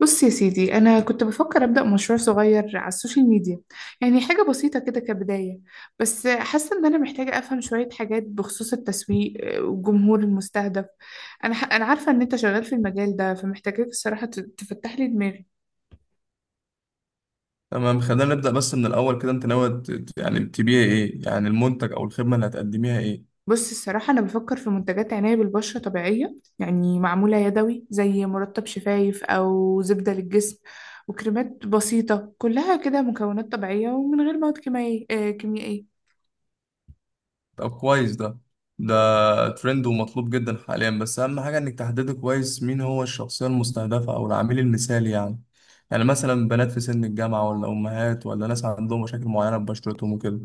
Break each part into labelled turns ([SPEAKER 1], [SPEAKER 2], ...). [SPEAKER 1] بص يا سيدي، أنا كنت بفكر أبدأ مشروع صغير على السوشيال ميديا. يعني حاجة بسيطة كده كبداية. بس حاسة إن أنا محتاجة أفهم شوية حاجات بخصوص التسويق والجمهور المستهدف. أنا عارفة إن أنت شغال في المجال ده، فمحتاجاك الصراحة تفتح لي دماغي.
[SPEAKER 2] تمام، خلينا نبدأ. بس من الأول كده، أنت ناوي يعني تبيع إيه؟ يعني المنتج أو الخدمة اللي هتقدميها إيه؟
[SPEAKER 1] بص الصراحة أنا بفكر في منتجات عناية بالبشرة طبيعية، يعني معمولة يدوي زي مرطب شفايف أو زبدة للجسم وكريمات بسيطة، كلها كده مكونات طبيعية ومن غير مواد كيميائية.
[SPEAKER 2] طب كويس، ده ترند ومطلوب جدا حاليا، بس أهم حاجة إنك تحددي كويس مين هو الشخصية المستهدفة أو العميل المثالي. يعني مثلا بنات في سن الجامعة، ولا أمهات، ولا ناس عندهم مشاكل معينة ببشرتهم وكده.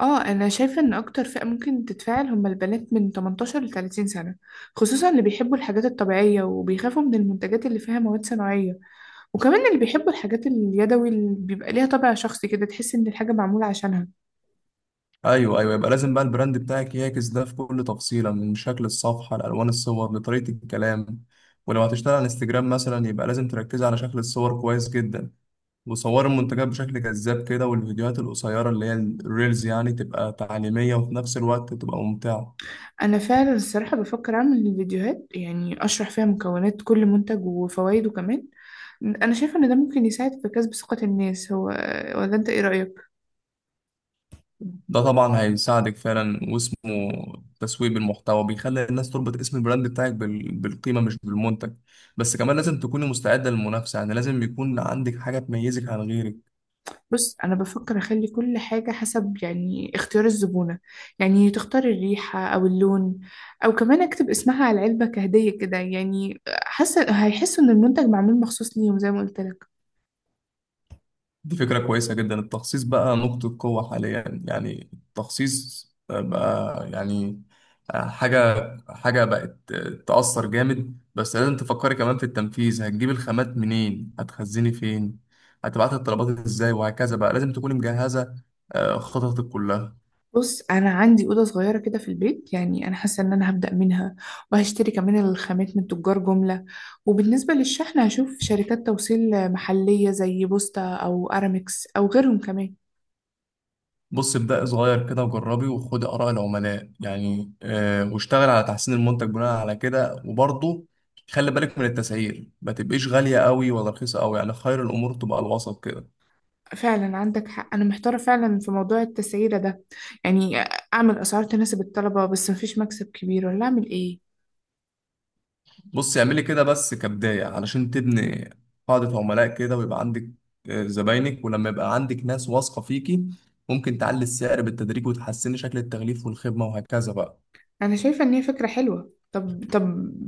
[SPEAKER 1] اه انا شايفه ان اكتر فئه ممكن تتفاعل هم البنات من 18 ل 30 سنه، خصوصا اللي بيحبوا الحاجات الطبيعيه وبيخافوا من المنتجات اللي فيها مواد صناعيه. وكمان اللي بيحبوا الحاجات اليدوي اللي بيبقى ليها طابع شخصي، كده تحس ان الحاجه معموله عشانها.
[SPEAKER 2] أيوه أيوه، يبقى لازم بقى البراند بتاعك يعكس ده في كل تفصيلة، من شكل الصفحة لألوان الصور لطريقة الكلام. ولو هتشتغل على انستجرام مثلا يبقى لازم تركز على شكل الصور كويس جدا، وصوروا المنتجات بشكل جذاب كده، والفيديوهات القصيرة اللي هي الريلز يعني تبقى تعليمية وفي نفس الوقت تبقى ممتعة.
[SPEAKER 1] انا فعلا الصراحه بفكر اعمل فيديوهات، يعني اشرح فيها مكونات كل منتج وفوائده كمان. انا شايفه ان ده ممكن يساعد في كسب ثقه الناس، هو ولا انت، ايه رايك؟
[SPEAKER 2] ده طبعا هيساعدك فعلا، واسمه تسويق بالمحتوى، بيخلي الناس تربط اسم البراند بتاعك بالقيمة مش بالمنتج. بس كمان لازم تكوني مستعدة للمنافسة، يعني لازم يكون عندك حاجة تميزك عن غيرك.
[SPEAKER 1] بص انا بفكر اخلي كل حاجه حسب يعني اختيار الزبونه، يعني تختار الريحه او اللون، او كمان اكتب اسمها على العلبه كهديه كده، يعني حاسه هيحسوا ان المنتج معمول مخصوص ليهم زي ما قلت لك.
[SPEAKER 2] دي فكرة كويسة جدا، التخصيص بقى نقطة قوة حاليا، يعني التخصيص بقى يعني حاجة حاجة بقت تأثر جامد. بس لازم تفكري كمان في التنفيذ، هتجيب الخامات منين، هتخزني فين، هتبعت الطلبات ازاي، وهكذا بقى. لازم تكوني مجهزة خططك كلها.
[SPEAKER 1] بص انا عندي اوضه صغيره كده في البيت، يعني انا حاسه ان انا هبدا منها. وهشتري كمان الخامات من تجار جمله، وبالنسبه للشحن هشوف شركات توصيل محليه زي بوستا او ارامكس او غيرهم كمان.
[SPEAKER 2] بص، ابدأ صغير كده وجربي، وخدي آراء العملاء، يعني واشتغل على تحسين المنتج بناء على كده، وبرضه خلي بالك من التسعير، ما تبقيش غالية قوي ولا رخيصة قوي، يعني خير الأمور تبقى الوسط كده.
[SPEAKER 1] فعلا عندك حق، أنا محتارة فعلا في موضوع التسعيرة ده. يعني أعمل أسعار تناسب الطلبة بس مفيش مكسب كبير، ولا أعمل إيه؟
[SPEAKER 2] بص، اعملي كده بس كبداية علشان تبني قاعدة عملاء كده، ويبقى عندك زباينك. ولما يبقى عندك ناس واثقة فيكي ممكن تعلي السعر بالتدريج، وتحسني شكل التغليف والخدمة وهكذا بقى.
[SPEAKER 1] أنا شايفة إن هي فكرة حلوة. طب،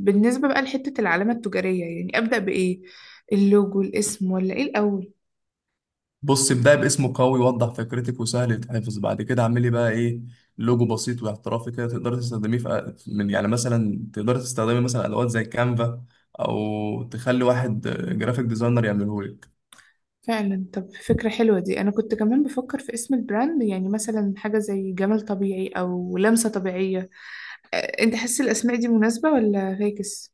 [SPEAKER 1] بالنسبة بقى لحتة العلامة التجارية، يعني أبدأ بإيه؟ اللوجو، الاسم، ولا إيه الأول؟
[SPEAKER 2] بص، ابدأ باسم قوي وضح فكرتك وسهل يتحفظ. بعد كده اعملي بقى ايه، لوجو بسيط واحترافي كده، تقدر تستخدميه في من، يعني مثلا تقدر تستخدمي مثلا ادوات زي كانفا، او تخلي واحد جرافيك ديزاينر يعمله لك.
[SPEAKER 1] فعلا، طب فكرة حلوة دي. أنا كنت كمان بفكر في اسم البراند، يعني مثلا حاجة زي جمال طبيعي أو لمسة طبيعية. أنت حاسس الأسماء دي مناسبة ولا فاكس؟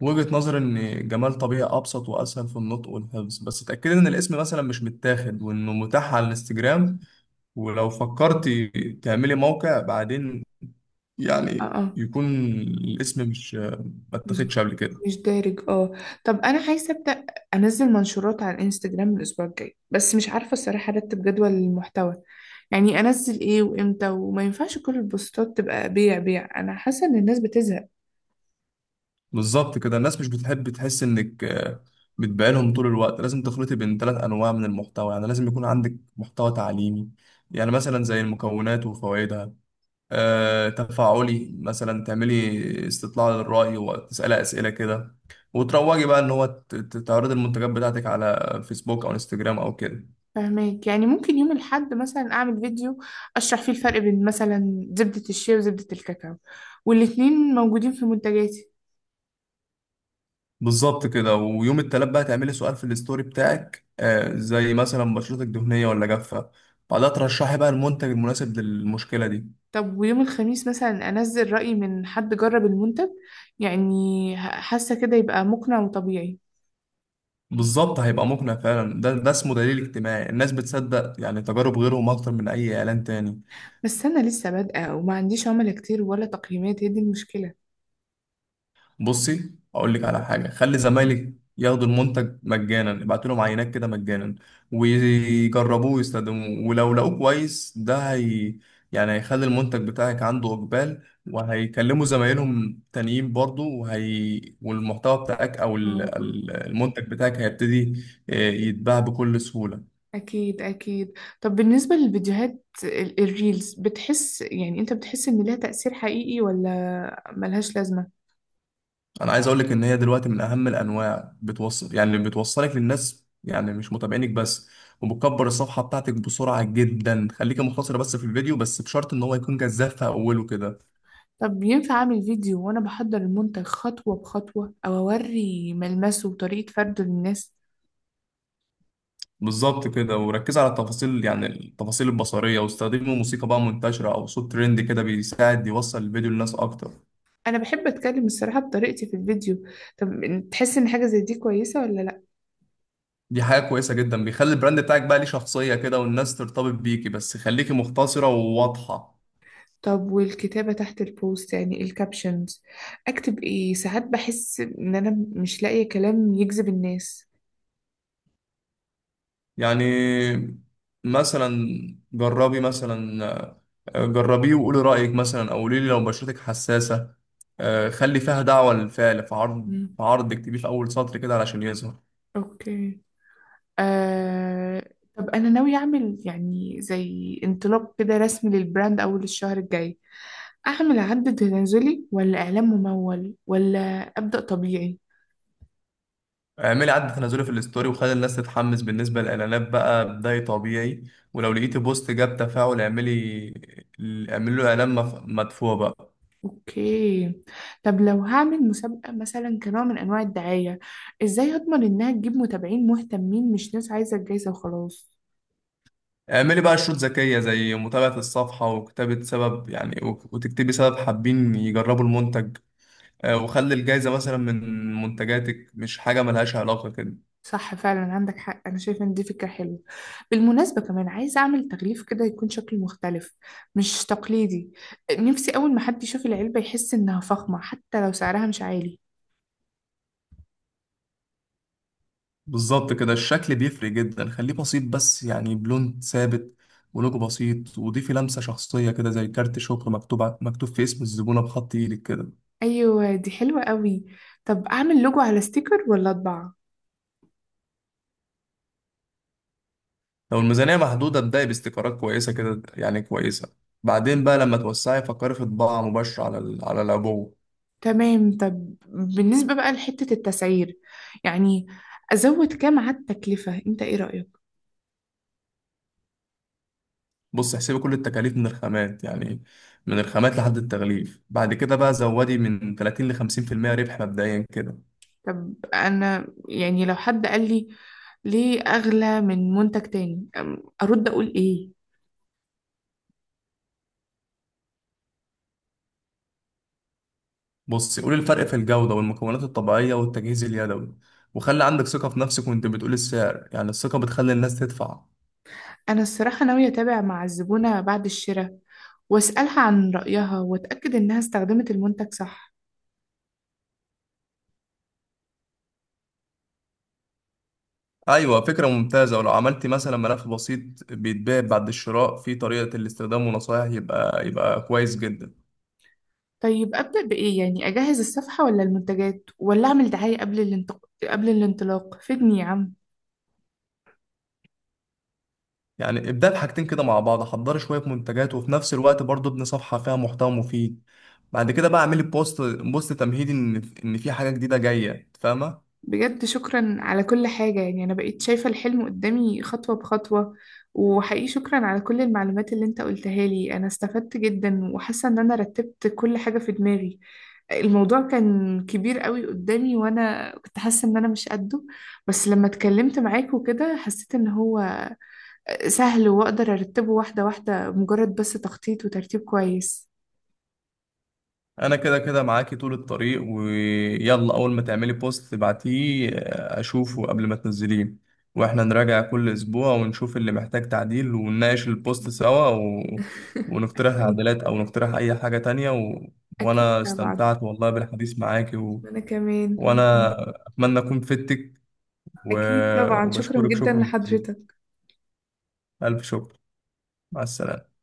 [SPEAKER 2] وجهة نظر ان جمال طبيعي ابسط واسهل في النطق والحفظ، بس اتاكدي ان الاسم مثلا مش متاخد، وانه متاح على الانستجرام. ولو فكرتي تعملي موقع بعدين،
[SPEAKER 1] اه
[SPEAKER 2] يعني
[SPEAKER 1] آه.
[SPEAKER 2] يكون الاسم مش ما
[SPEAKER 1] مش
[SPEAKER 2] اتاخدش قبل كده.
[SPEAKER 1] مش دارج اه. طب انا عايزه ابدا انزل منشورات على الانستجرام الاسبوع الجاي، بس مش عارفه الصراحه ارتب جدول المحتوى. يعني انزل ايه وامتى؟ وما ينفعش كل البوستات تبقى بيع بيع، انا حاسه ان الناس بتزهق.
[SPEAKER 2] بالظبط كده، الناس مش بتحب تحس انك بتبيعلهم طول الوقت. لازم تخلطي بين ثلاث انواع من المحتوى، يعني لازم يكون عندك محتوى تعليمي، يعني مثلا زي المكونات وفوائدها، تفاعلي. مثلا تعملي استطلاع للرأي وتسألي أسئلة كده، وتروجي بقى ان هو تعرضي المنتجات بتاعتك على فيسبوك او انستجرام او كده.
[SPEAKER 1] فهماك، يعني ممكن يوم الاحد مثلا اعمل فيديو اشرح فيه الفرق بين مثلا زبده الشيا وزبده الكاكاو، والاتنين موجودين في منتجاتي.
[SPEAKER 2] بالظبط كده. ويوم التلات بقى تعملي سؤال في الستوري بتاعك، زي مثلا بشرتك دهنية ولا جافة، بعدها ترشحي بقى المنتج المناسب للمشكلة دي.
[SPEAKER 1] طب ويوم الخميس مثلا انزل رأي من حد جرب المنتج، يعني حاسه كده يبقى مقنع وطبيعي.
[SPEAKER 2] بالظبط، هيبقى مقنع فعلا، ده اسمه دليل اجتماعي، الناس بتصدق يعني تجارب غيرهم اكتر من اي اعلان تاني.
[SPEAKER 1] بس أنا لسه بادئة وما عنديش عملاء كتير ولا تقييمات، هي دي المشكلة.
[SPEAKER 2] بصي، اقول لك على حاجه، خلي زمايلك ياخدوا المنتج مجانا، ابعتوا لهم عينات كده مجانا ويجربوه ويستخدموه، ولو لقوه كويس ده هي يعني هيخلي المنتج بتاعك عنده اقبال، وهيكلموا زمايلهم تانيين برضو. وهي والمحتوى بتاعك او
[SPEAKER 1] اه اه.
[SPEAKER 2] المنتج بتاعك هيبتدي يتباع بكل سهوله.
[SPEAKER 1] أكيد أكيد. طب بالنسبة للفيديوهات الريلز، بتحس، يعني أنت بتحس إن لها تأثير حقيقي ولا ملهاش لازمة؟
[SPEAKER 2] انا عايز اقول لك ان هي دلوقتي من اهم الانواع، بتوصل يعني اللي بتوصلك للناس، يعني مش متابعينك بس، وبتكبر الصفحه بتاعتك بسرعه جدا. خليكي مختصره بس في الفيديو، بس بشرط ان هو يكون جذاب في اوله كده.
[SPEAKER 1] طب ينفع أعمل فيديو وأنا بحضر المنتج خطوة بخطوة، أو أوري ملمسه وطريقة فرده للناس؟
[SPEAKER 2] بالظبط كده، وركز على التفاصيل، يعني التفاصيل البصريه، واستخدمي موسيقى بقى منتشره او صوت ترند كده، بيساعد يوصل الفيديو للناس اكتر.
[SPEAKER 1] أنا بحب أتكلم الصراحة بطريقتي في الفيديو. طب، تحس إن حاجة زي دي كويسة ولا لأ؟
[SPEAKER 2] دي حاجه كويسه جدا، بيخلي البراند بتاعك بقى ليه شخصيه كده، والناس ترتبط بيكي، بس خليكي مختصره وواضحه.
[SPEAKER 1] طب والكتابة تحت البوست، يعني الكابشنز، أكتب إيه؟ ساعات بحس إن أنا مش لاقية كلام يجذب الناس.
[SPEAKER 2] يعني مثلا جربي مثلا، جربيه وقولي رأيك، مثلا او قولي لي لو بشرتك حساسة، خلي فيها دعوة للفعل، في عرض
[SPEAKER 1] مم.
[SPEAKER 2] في عرض اكتبيه في اول سطر كده علشان يظهر.
[SPEAKER 1] اوكي. آه... طب أنا ناوية أعمل يعني زي انطلاق كده رسمي للبراند أول الشهر الجاي. أعمل عد تنازلي ولا إعلان ممول، ولا أبدأ طبيعي؟
[SPEAKER 2] اعملي عد تنازلي في الستوري وخلي الناس تتحمس. بالنسبة للإعلانات بقى بداية طبيعي، ولو لقيتي بوست جاب تفاعل اعملي له إعلان مدفوع بقى.
[SPEAKER 1] أوكي. طب لو هعمل مسابقة مثلا كنوع من أنواع الدعاية، إزاي أضمن إنها تجيب متابعين مهتمين مش ناس عايزة الجايزة وخلاص؟
[SPEAKER 2] اعملي بقى شروط ذكية، زي متابعة الصفحة وكتابة سبب، يعني وتكتبي سبب حابين يجربوا المنتج، وخلي الجايزة مثلا من منتجاتك، مش حاجة ملهاش علاقة كده.
[SPEAKER 1] صح، فعلا عندك حق، انا شايفه ان دي فكره حلوه. بالمناسبه كمان عايزه اعمل تغليف كده يكون شكله مختلف، مش تقليدي. نفسي اول ما حد يشوف العلبه يحس انها فخمه حتى لو سعرها مش عالي.
[SPEAKER 2] بالظبط كده، الشكل بيفرق جدا، خليه بسيط بس يعني بلون ثابت ولوجو بسيط، وضيفي لمسة شخصية كده، زي كارت شكر مكتوب في اسم الزبونة بخط ايدك كده.
[SPEAKER 1] ايوه دي حلوه قوي. طب اعمل لوجو على ستيكر ولا اطبع؟
[SPEAKER 2] لو الميزانية محدودة ابدأي باستيكرات كويسة كده، يعني كويسة. بعدين بقى لما توسعي فكري في طباعة مباشرة على على العبوة.
[SPEAKER 1] تمام. طب بالنسبه بقى لحته التسعير، يعني ازود كام على التكلفه؟ انت ايه رايك؟
[SPEAKER 2] بص، احسبي كل التكاليف من الخامات، يعني من الخامات لحد التغليف. بعد كده بقى زودي من 30 ل 50% ربح مبدئيا كده.
[SPEAKER 1] طب انا يعني لو حد قال لي ليه اغلى من منتج تاني، ارد اقول ايه؟
[SPEAKER 2] بص، قول الفرق في الجودة والمكونات الطبيعية والتجهيز اليدوي، وخلي عندك ثقة في نفسك وانت بتقول السعر، يعني الثقة بتخلي الناس تدفع.
[SPEAKER 1] أنا الصراحة ناوية أتابع مع الزبونة بعد الشراء وأسألها عن رأيها وأتأكد إنها استخدمت المنتج صح.
[SPEAKER 2] أيوة، فكرة ممتازة، ولو عملت مثلا ملف بسيط بيتباع بعد الشراء في طريقة الاستخدام ونصائح، يبقى كويس جدا.
[SPEAKER 1] طيب أبدأ بإيه؟ يعني أجهز الصفحة ولا المنتجات، ولا أعمل دعاية قبل قبل الانطلاق؟ فدني يا عم.
[SPEAKER 2] يعني ابدأ بحاجتين كده مع بعض، حضري شوية منتجات وفي نفس الوقت برضه ابني صفحة فيها محتوى مفيد. بعد كده بقى اعملي بوست تمهيدي ان في حاجة جديدة جاية. فاهمة.
[SPEAKER 1] بجد شكرا على كل حاجة، يعني أنا بقيت شايفة الحلم قدامي خطوة بخطوة. وحقيقي شكرا على كل المعلومات اللي أنت قلتها لي، أنا استفدت جدا وحاسة إن أنا رتبت كل حاجة في دماغي. الموضوع كان كبير قوي قدامي وانا كنت حاسه ان انا مش قده، بس لما اتكلمت معاك وكده حسيت ان هو سهل واقدر ارتبه واحده واحده، مجرد بس تخطيط وترتيب كويس.
[SPEAKER 2] انا كده كده معاكي طول الطريق، ويلا اول ما تعملي بوست تبعتيه اشوفه قبل ما تنزليه، واحنا نراجع كل اسبوع ونشوف اللي محتاج تعديل، ونناقش البوست سوا،
[SPEAKER 1] اكيد
[SPEAKER 2] ونقترح
[SPEAKER 1] اكيد.
[SPEAKER 2] تعديلات او نقترح اي حاجة تانية،
[SPEAKER 1] أكيد
[SPEAKER 2] وانا
[SPEAKER 1] طبعا.
[SPEAKER 2] استمتعت والله بالحديث معاكي،
[SPEAKER 1] انا كمان وأنا
[SPEAKER 2] وانا
[SPEAKER 1] كمان.
[SPEAKER 2] اتمنى اكون فدتك، و...
[SPEAKER 1] اكيد طبعا، شكرا
[SPEAKER 2] وبشكرك،
[SPEAKER 1] جدا
[SPEAKER 2] شكرا جزيلا،
[SPEAKER 1] لحضرتك.
[SPEAKER 2] الف شكر، مع السلامة.